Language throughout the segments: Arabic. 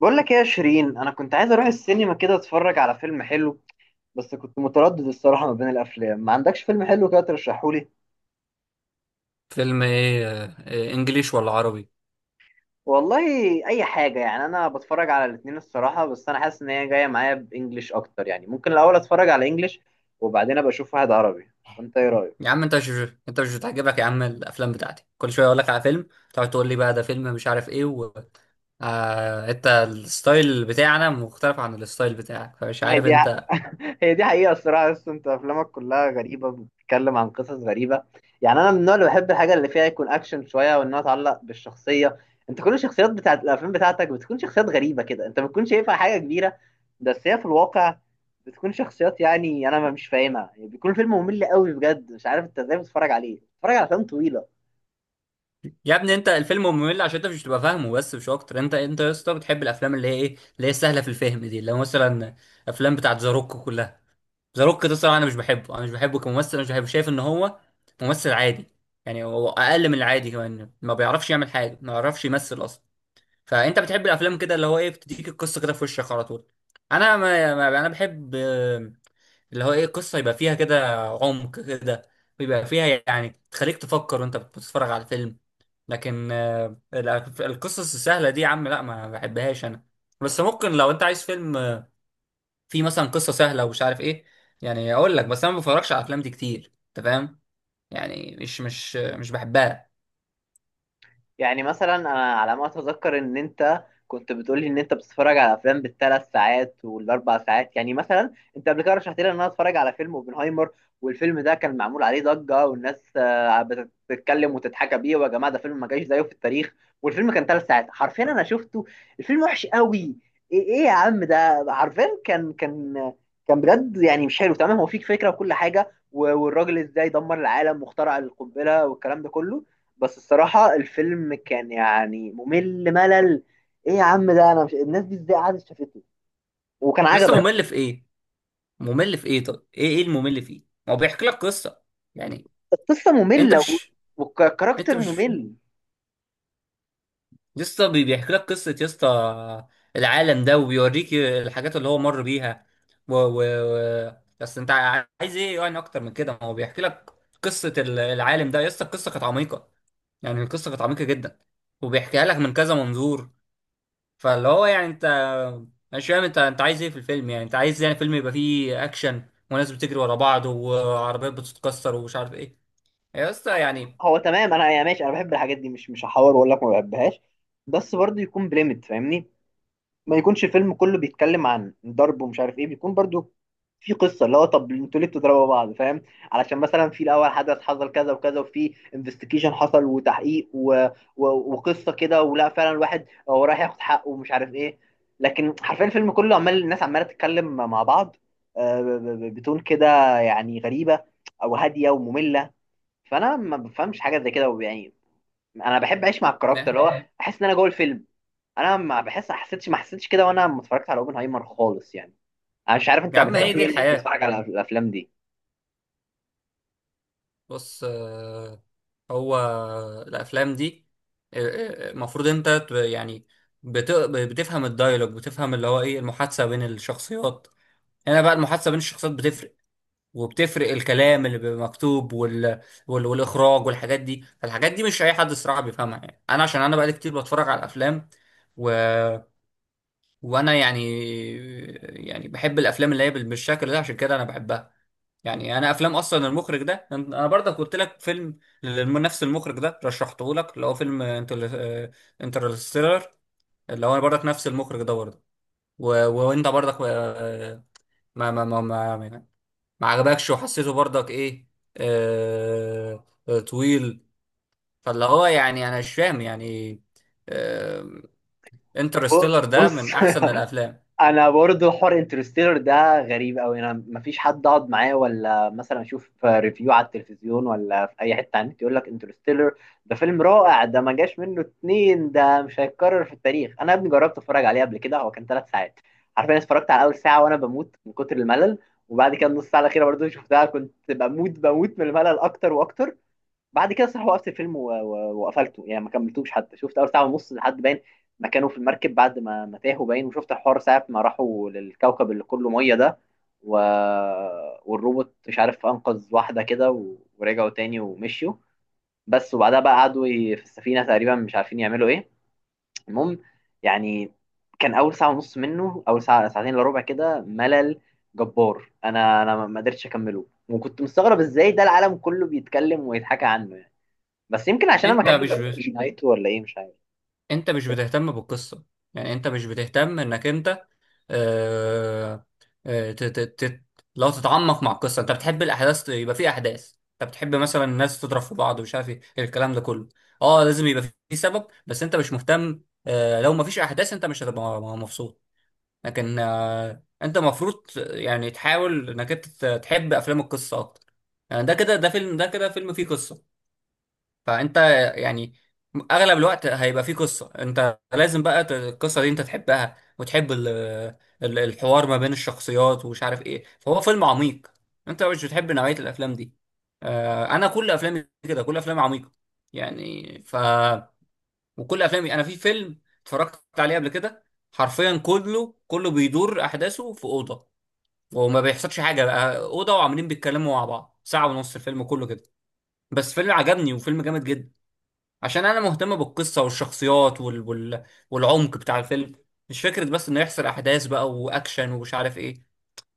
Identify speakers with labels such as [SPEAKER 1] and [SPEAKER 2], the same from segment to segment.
[SPEAKER 1] بقول لك ايه يا شيرين، انا كنت عايز اروح السينما كده اتفرج على فيلم حلو. بس كنت متردد الصراحه ما بين الافلام، ما عندكش فيلم حلو كده ترشحهولي؟
[SPEAKER 2] فيلم ايه؟ انجليش ولا عربي؟
[SPEAKER 1] والله اي حاجه، يعني انا بتفرج على الاتنين الصراحه، بس انا حاسس ان هي جايه معايا بانجلش اكتر، يعني ممكن الاول اتفرج على انجلش وبعدين ابقى اشوف واحد عربي. فانت ايه رايك؟
[SPEAKER 2] يا عم انت مش بتعجبك يا عم الافلام بتاعتي، كل شويه اقول لك على فيلم، تقعد تقول لي بقى ده فيلم مش عارف ايه آه، انت الستايل بتاعنا مختلف عن الستايل بتاعك، فمش
[SPEAKER 1] ما هي
[SPEAKER 2] عارف
[SPEAKER 1] دي،
[SPEAKER 2] انت.
[SPEAKER 1] هي دي حقيقة الصراحة. بس انت افلامك كلها غريبة، بتتكلم عن قصص غريبة. يعني انا من النوع اللي بحب الحاجة اللي فيها يكون اكشن شوية، وانها تعلق بالشخصية. انت كل الشخصيات بتاعت الافلام بتاعتك بتكون شخصيات غريبة كده، انت بتكون شايفها حاجة كبيرة، بس هي في الواقع بتكون شخصيات، يعني انا ما مش فاهمها، يعني بيكون فيلم ممل قوي بجد، مش عارف انت ازاي بتتفرج عليه، بتتفرج على افلام طويلة.
[SPEAKER 2] يا ابني، انت الفيلم ممل عشان انت مش بتبقى فاهمه، بس مش اكتر. انت يا اسطى بتحب الافلام اللي هي ايه، اللي هي سهله في الفهم دي، اللي هو مثلا افلام بتاعت ذا روك كلها. ذا روك ده الصراحه انا مش بحبه، انا مش بحبه كممثل، انا مش بحبه، شايف ان هو ممثل عادي، يعني هو اقل من العادي كمان، ما بيعرفش يعمل حاجه، ما بيعرفش يمثل اصلا. فانت بتحب الافلام كده اللي هو ايه بتديك القصه كده في وشك على طول. انا ما ما- انا بحب اللي هو ايه، القصه يبقى فيها كده عمق كده، ويبقى فيها يعني تخليك تفكر وانت بتتفرج على الفيلم. لكن آه، القصص السهله دي يا عم لا، ما بحبهاش انا. بس ممكن لو انت عايز فيلم في مثلا قصه سهله ومش عارف ايه، يعني اقول لك، بس انا ما بفرجش على الافلام دي كتير، انت فاهم؟ يعني مش بحبها.
[SPEAKER 1] يعني مثلا انا على ما اتذكر ان انت كنت بتقولي ان انت بتتفرج على افلام بالثلاث ساعات والاربع ساعات. يعني مثلا انت قبل كده رشحت لي ان انا اتفرج على فيلم اوبنهايمر، والفيلم ده كان معمول عليه ضجه والناس بتتكلم وتتحكى بيه، ويا جماعه ده فيلم ما جاش زيه في التاريخ. والفيلم كان 3 ساعات حرفيا، انا شفته الفيلم وحش قوي. ايه يا عم، ده حرفيا كان بجد يعني مش حلو تمام. هو فيك فكره وكل حاجه والراجل ازاي دمر العالم واخترع القنبله والكلام ده كله، بس الصراحة الفيلم كان يعني ممل. ايه يا عم ده، انا مش الناس دي ازاي قعدت شافته وكان
[SPEAKER 2] لسه
[SPEAKER 1] عجبك؟
[SPEAKER 2] ممل في ايه؟ ممل في ايه؟ طب ايه الممل فيه؟ ما هو بيحكي لك قصه يعني.
[SPEAKER 1] القصة
[SPEAKER 2] انت
[SPEAKER 1] مملة
[SPEAKER 2] مش انت
[SPEAKER 1] والكاركتر
[SPEAKER 2] مش
[SPEAKER 1] ممل.
[SPEAKER 2] لسه بيحكي لك قصه يا اسطى، العالم ده، وبيوريك الحاجات اللي هو مر بيها و... و... بس انت عايز ايه يعني اكتر من كده؟ ما هو بيحكي لك قصه العالم ده يا اسطى. القصه كانت عميقه، يعني القصه كانت عميقه جدا، وبيحكيها لك من كذا منظور. فاللي هو يعني انت مش فاهم، انت عايز ايه في الفيلم؟ يعني انت عايز يعني فيلم يبقى فيه اكشن وناس بتجري ورا بعض وعربيات بتتكسر ومش عارف ايه يا اسطى؟ يعني
[SPEAKER 1] هو تمام، انا يعني ماشي انا بحب الحاجات دي، مش هحاور واقول لك ما بحبهاش، بس برضه يكون بليمت فاهمني. ما يكونش فيلم كله بيتكلم عن ضرب ومش عارف ايه، بيكون برضو في قصه، اللي هو طب انتوا ليه بتضربوا بعض فاهم؟ علشان مثلا في الاول حدث حصل كذا وكذا، وفي انفستيجيشن حصل وتحقيق وقصه كده، ولا فعلا الواحد هو رايح ياخد حقه ومش عارف ايه. لكن حرفيا الفيلم كله عمال الناس عماله تتكلم مع بعض، بتون كده، يعني غريبه او هاديه وممله. فانا ما بفهمش حاجه زي كده، يعني انا بحب اعيش مع الكاركتر،
[SPEAKER 2] نه.
[SPEAKER 1] اللي هو احس ان انا جوه الفيلم. انا ما حسيتش كده وانا ما اتفرجت على اوبنهايمر خالص يعني. انا مش عارف
[SPEAKER 2] يا
[SPEAKER 1] انت
[SPEAKER 2] عم هي
[SPEAKER 1] بتحس
[SPEAKER 2] دي
[SPEAKER 1] ايه انك
[SPEAKER 2] الحياة.
[SPEAKER 1] بتتفرج على الافلام دي.
[SPEAKER 2] بص هو الافلام دي آه، المفروض انت يعني بتفهم الدايلوج، بتفهم اللي هو ايه، المحادثة بين الشخصيات. هنا بقى المحادثة بين الشخصيات بتفرق، وبتفرق الكلام اللي بيبقى مكتوب والاخراج والحاجات دي. فالحاجات دي مش اي حد الصراحه بيفهمها، يعني انا عشان انا بقالي كتير بتفرج على الافلام و... وانا يعني، يعني بحب الافلام اللي هي بالشكل ده، عشان كده انا بحبها. يعني انا افلام اصلا المخرج ده، انا برضك قلت لك فيلم لنفس المخرج ده، رشحته لك، اللي هو فيلم انترستيلر، اللي هو برضك نفس المخرج ده برضه. وانت برضك ما ما ما, ما ما عجبكش، وحسيته برضك ايه؟ طويل. فاللي هو يعني انا مش فاهم يعني. آه، انترستيلر
[SPEAKER 1] ب-
[SPEAKER 2] ده
[SPEAKER 1] بص
[SPEAKER 2] من احسن الافلام.
[SPEAKER 1] انا برضو حوار انترستيلر ده غريب قوي، انا ما فيش حد اقعد معاه ولا مثلا اشوف ريفيو على التلفزيون ولا في اي حته على النت يقول لك انترستيلر ده فيلم رائع، ده ما جاش منه اتنين، ده مش هيتكرر في التاريخ. انا يا ابني جربت اتفرج عليه قبل كده، هو كان 3 ساعات حرفيا. اتفرجت على اول ساعه وانا بموت من كتر الملل، وبعد كده النص ساعه الاخيره برضو شفتها كنت بموت بموت من الملل اكتر واكتر. بعد كده صراحة وقفت الفيلم وقفلته، يعني ما كملتوش، حتى شفت اول ساعة ونص لحد باين ما كانوا في المركب بعد ما تاهوا، باين وشفت الحوار ساعة ما راحوا للكوكب اللي كله مية ده، و... والروبوت مش عارف انقذ واحدة كده ورجعوا تاني ومشيوا، بس وبعدها بقى قعدوا في السفينة تقريبا مش عارفين يعملوا ايه. المهم، يعني كان اول ساعة ونص منه، اول ساعة ساعتين الا ربع كده ملل جبار، انا ما قدرتش اكمله، وكنت مستغرب ازاي ده العالم كله بيتكلم ويتحكى عنه. بس يمكن عشان انا
[SPEAKER 2] انت
[SPEAKER 1] ما
[SPEAKER 2] مش ب...
[SPEAKER 1] كملتش نهايته ولا ايه، مش عارف.
[SPEAKER 2] انت مش بتهتم بالقصة، يعني انت مش بتهتم انك انت آه آه ت... ت... ت... لو تتعمق مع القصة. انت بتحب الاحداث، يبقى في احداث، انت بتحب مثلا الناس تضرب في بعض ومش عارف ايه الكلام ده كله. اه، لازم يبقى في سبب، بس انت مش مهتم. آه لو مفيش احداث انت مش هتبقى مبسوط. لكن آه، انت المفروض يعني تحاول انك انت تحب افلام القصه اكتر. يعني ده كده، ده فيلم، ده كده فيلم فيه قصه. فانت يعني اغلب الوقت هيبقى فيه قصه، انت لازم بقى القصه دي انت تحبها، وتحب الحوار ما بين الشخصيات ومش عارف ايه، فهو فيلم عميق. انت مش بتحب نوعيه الافلام دي. انا كل افلامي كده، كل افلامي عميقه يعني. وكل افلامي، انا في فيلم اتفرجت عليه قبل كده حرفيا كله بيدور احداثه في اوضه، وما بيحصلش حاجه، بقى اوضه وعمالين بيتكلموا مع بعض ساعه ونص الفيلم كله كده، بس فيلم عجبني وفيلم جامد جدا، عشان انا مهتم بالقصه والشخصيات والعمق بتاع الفيلم. مش فكره بس انه يحصل احداث بقى واكشن ومش عارف ايه.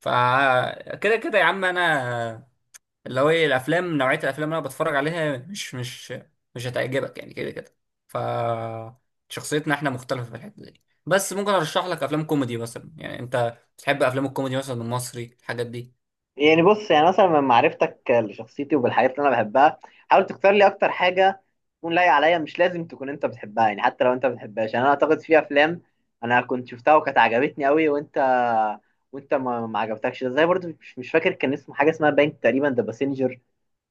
[SPEAKER 2] فكده كده يا عم، انا اللي هو ايه، الافلام نوعيه الافلام اللي انا بتفرج عليها مش هتعجبك يعني، كده. ف شخصيتنا احنا مختلفه في الحته دي. بس ممكن ارشح لك افلام كوميدي مثلا، يعني انت بتحب افلام الكوميدي مثلا المصري، الحاجات دي.
[SPEAKER 1] يعني بص، يعني مثلا من معرفتك لشخصيتي وبالحاجات اللي انا بحبها، حاول تختار لي اكتر حاجه تكون لايقه عليا، مش لازم تكون انت بتحبها، يعني حتى لو انت ما بتحبهاش. يعني انا اعتقد في افلام انا كنت شفتها وكانت عجبتني قوي وانت ما عجبتكش، زي برضو مش فاكر كان اسمه حاجه اسمها باين، تقريبا ذا باسنجر.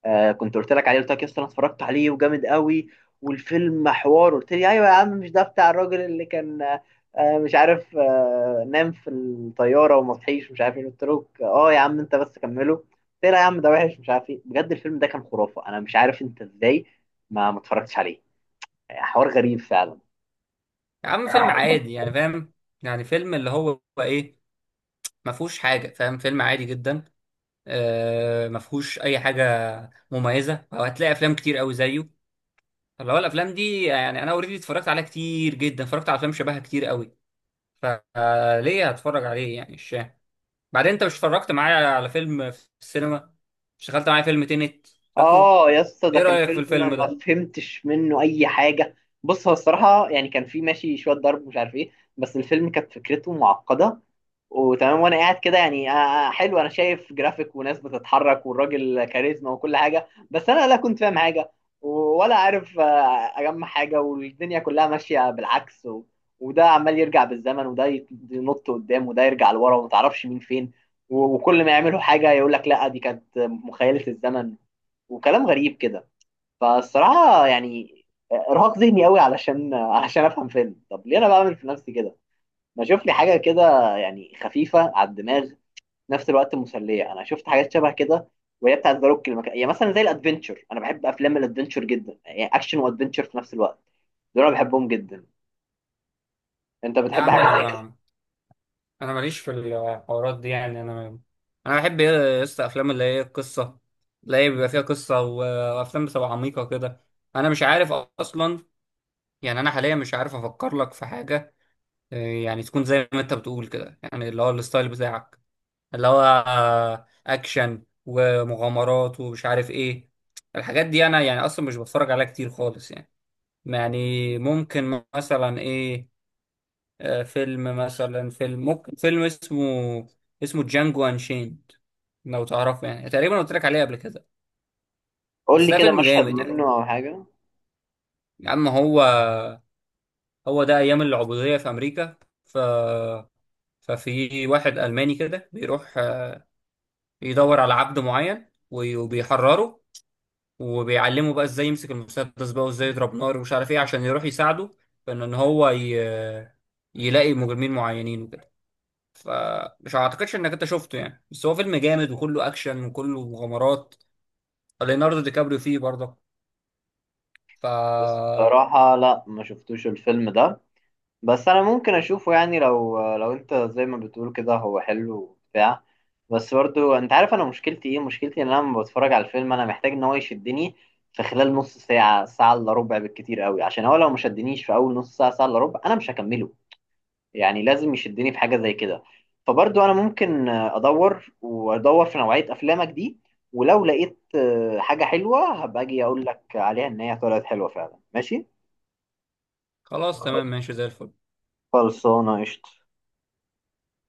[SPEAKER 1] آه كنت قلت لك عليه، قلت لك يا اسطى انا اتفرجت عليه وجامد قوي والفيلم حوار، قلت لي ايوه يا عم مش ده بتاع الراجل اللي كان مش عارف نام في الطياره وما صحيش مش عارف ايه، قلت له اه يا عم انت بس كمله، قلت لي لا يا عم ده وحش مش عارف ايه. بجد الفيلم ده كان خرافه، انا مش عارف انت ازاي ما اتفرجتش عليه، يعني حوار غريب فعلا.
[SPEAKER 2] يا عم فيلم عادي يعني، فاهم؟ يعني فيلم اللي هو ايه، ما فيهوش حاجه، فاهم؟ فيلم عادي جدا، آه ما فيهوش اي حاجه مميزه، وهتلاقي افلام كتير قوي زيه. اللي هو الافلام دي يعني انا اوريدي اتفرجت عليها كتير جدا، اتفرجت على افلام شبهها كتير قوي، فليه هتفرج عليه يعني؟ مش فاهم. بعدين انت مش اتفرجت معايا على فيلم في السينما، اشتغلت معايا فيلم تينت؟ فاكره؟
[SPEAKER 1] اه يا اسطى، ده
[SPEAKER 2] ايه
[SPEAKER 1] كان
[SPEAKER 2] رأيك في
[SPEAKER 1] فيلم
[SPEAKER 2] الفيلم ده؟
[SPEAKER 1] ما فهمتش منه اي حاجه. بص هو الصراحه يعني كان فيه ماشي شويه ضرب ومش عارف ايه، بس الفيلم كانت فكرته معقده، وتمام، وانا قاعد كده يعني حلو، انا شايف جرافيك وناس بتتحرك والراجل كاريزما وكل حاجه، بس انا لا كنت فاهم حاجه ولا عارف اجمع حاجه، والدنيا كلها ماشيه بالعكس وده عمال يرجع بالزمن، وده ينط قدام، وده يرجع لورا، وما تعرفش مين فين، وكل ما يعملوا حاجه يقول لك لا دي كانت مخيله الزمن، وكلام غريب كده. فالصراحه يعني ارهاق ذهني قوي، علشان علشان افهم فيلم. طب ليه انا بعمل في نفسي كده؟ ما اشوف لي حاجه كده يعني خفيفه على الدماغ في نفس الوقت مسليه. انا شفت حاجات شبه كده، وهي بتاعت ذا روك، يعني مثلا زي الادفنتشر، انا بحب افلام الادفنتشر جدا، يعني اكشن وادفنتشر في نفس الوقت، دول انا بحبهم جدا. انت
[SPEAKER 2] لا يا
[SPEAKER 1] بتحب
[SPEAKER 2] عم انا
[SPEAKER 1] حاجه زي كده؟
[SPEAKER 2] ما انا ماليش في الحوارات دي يعني. انا بحب ايه يا اسطى؟ افلام اللي هي ايه؟ القصه، اللي هي بيبقى فيها قصه، وافلام بتبقى عميقه كده. انا مش عارف اصلا يعني، انا حاليا مش عارف افكر لك في حاجه يعني تكون زي ما انت بتقول كده، يعني اللي هو الستايل بتاعك، اللي هو اكشن ومغامرات ومش عارف ايه. الحاجات دي انا يعني اصلا مش بتفرج عليها كتير خالص يعني. يعني ممكن مثلا ايه، فيلم مثلا، فيلم اسمه جانجو انشيند، لو تعرفه يعني، تقريبا قلت لك عليه قبل كده.
[SPEAKER 1] قول
[SPEAKER 2] بس
[SPEAKER 1] لي
[SPEAKER 2] ده
[SPEAKER 1] كده
[SPEAKER 2] فيلم
[SPEAKER 1] مشهد
[SPEAKER 2] جامد يعني.
[SPEAKER 1] منه او حاجه.
[SPEAKER 2] يا عم هو هو ده ايام العبودية في امريكا. ف ففي واحد الماني كده بيروح يدور على عبد معين وبيحرره، وبيعلمه بقى ازاي يمسك المسدس بقى وازاي يضرب نار ومش عارف ايه، عشان يروح يساعده في ان إن هو يلاقي مجرمين معينين وكده. فمش اعتقدش انك انت شفته يعني، بس هو فيلم جامد، وكله اكشن وكله مغامرات. ليوناردو دي كابريو فيه برضه. ف
[SPEAKER 1] الصراحه لا، ما شفتوش الفيلم ده، بس انا ممكن اشوفه، يعني لو انت زي ما بتقول كده هو حلو وبتاع. بس برضو انت عارف انا مشكلتي ايه، مشكلتي ان انا لما بتفرج على الفيلم انا محتاج ان هو يشدني في خلال نص ساعة ساعة الا ربع بالكتير قوي، عشان هو لو ما شدنيش في اول نص ساعة ساعة الا ربع انا مش هكمله. يعني لازم يشدني في حاجة زي كده. فبرضو انا ممكن ادور وادور في نوعية افلامك دي، ولو لقيت حاجة حلوة هبقى اجي اقول لك عليها ان هي طلعت حلوة فعلا، ماشي.
[SPEAKER 2] خلاص تمام، ماشي زي الفل.
[SPEAKER 1] خلصانة قشطة.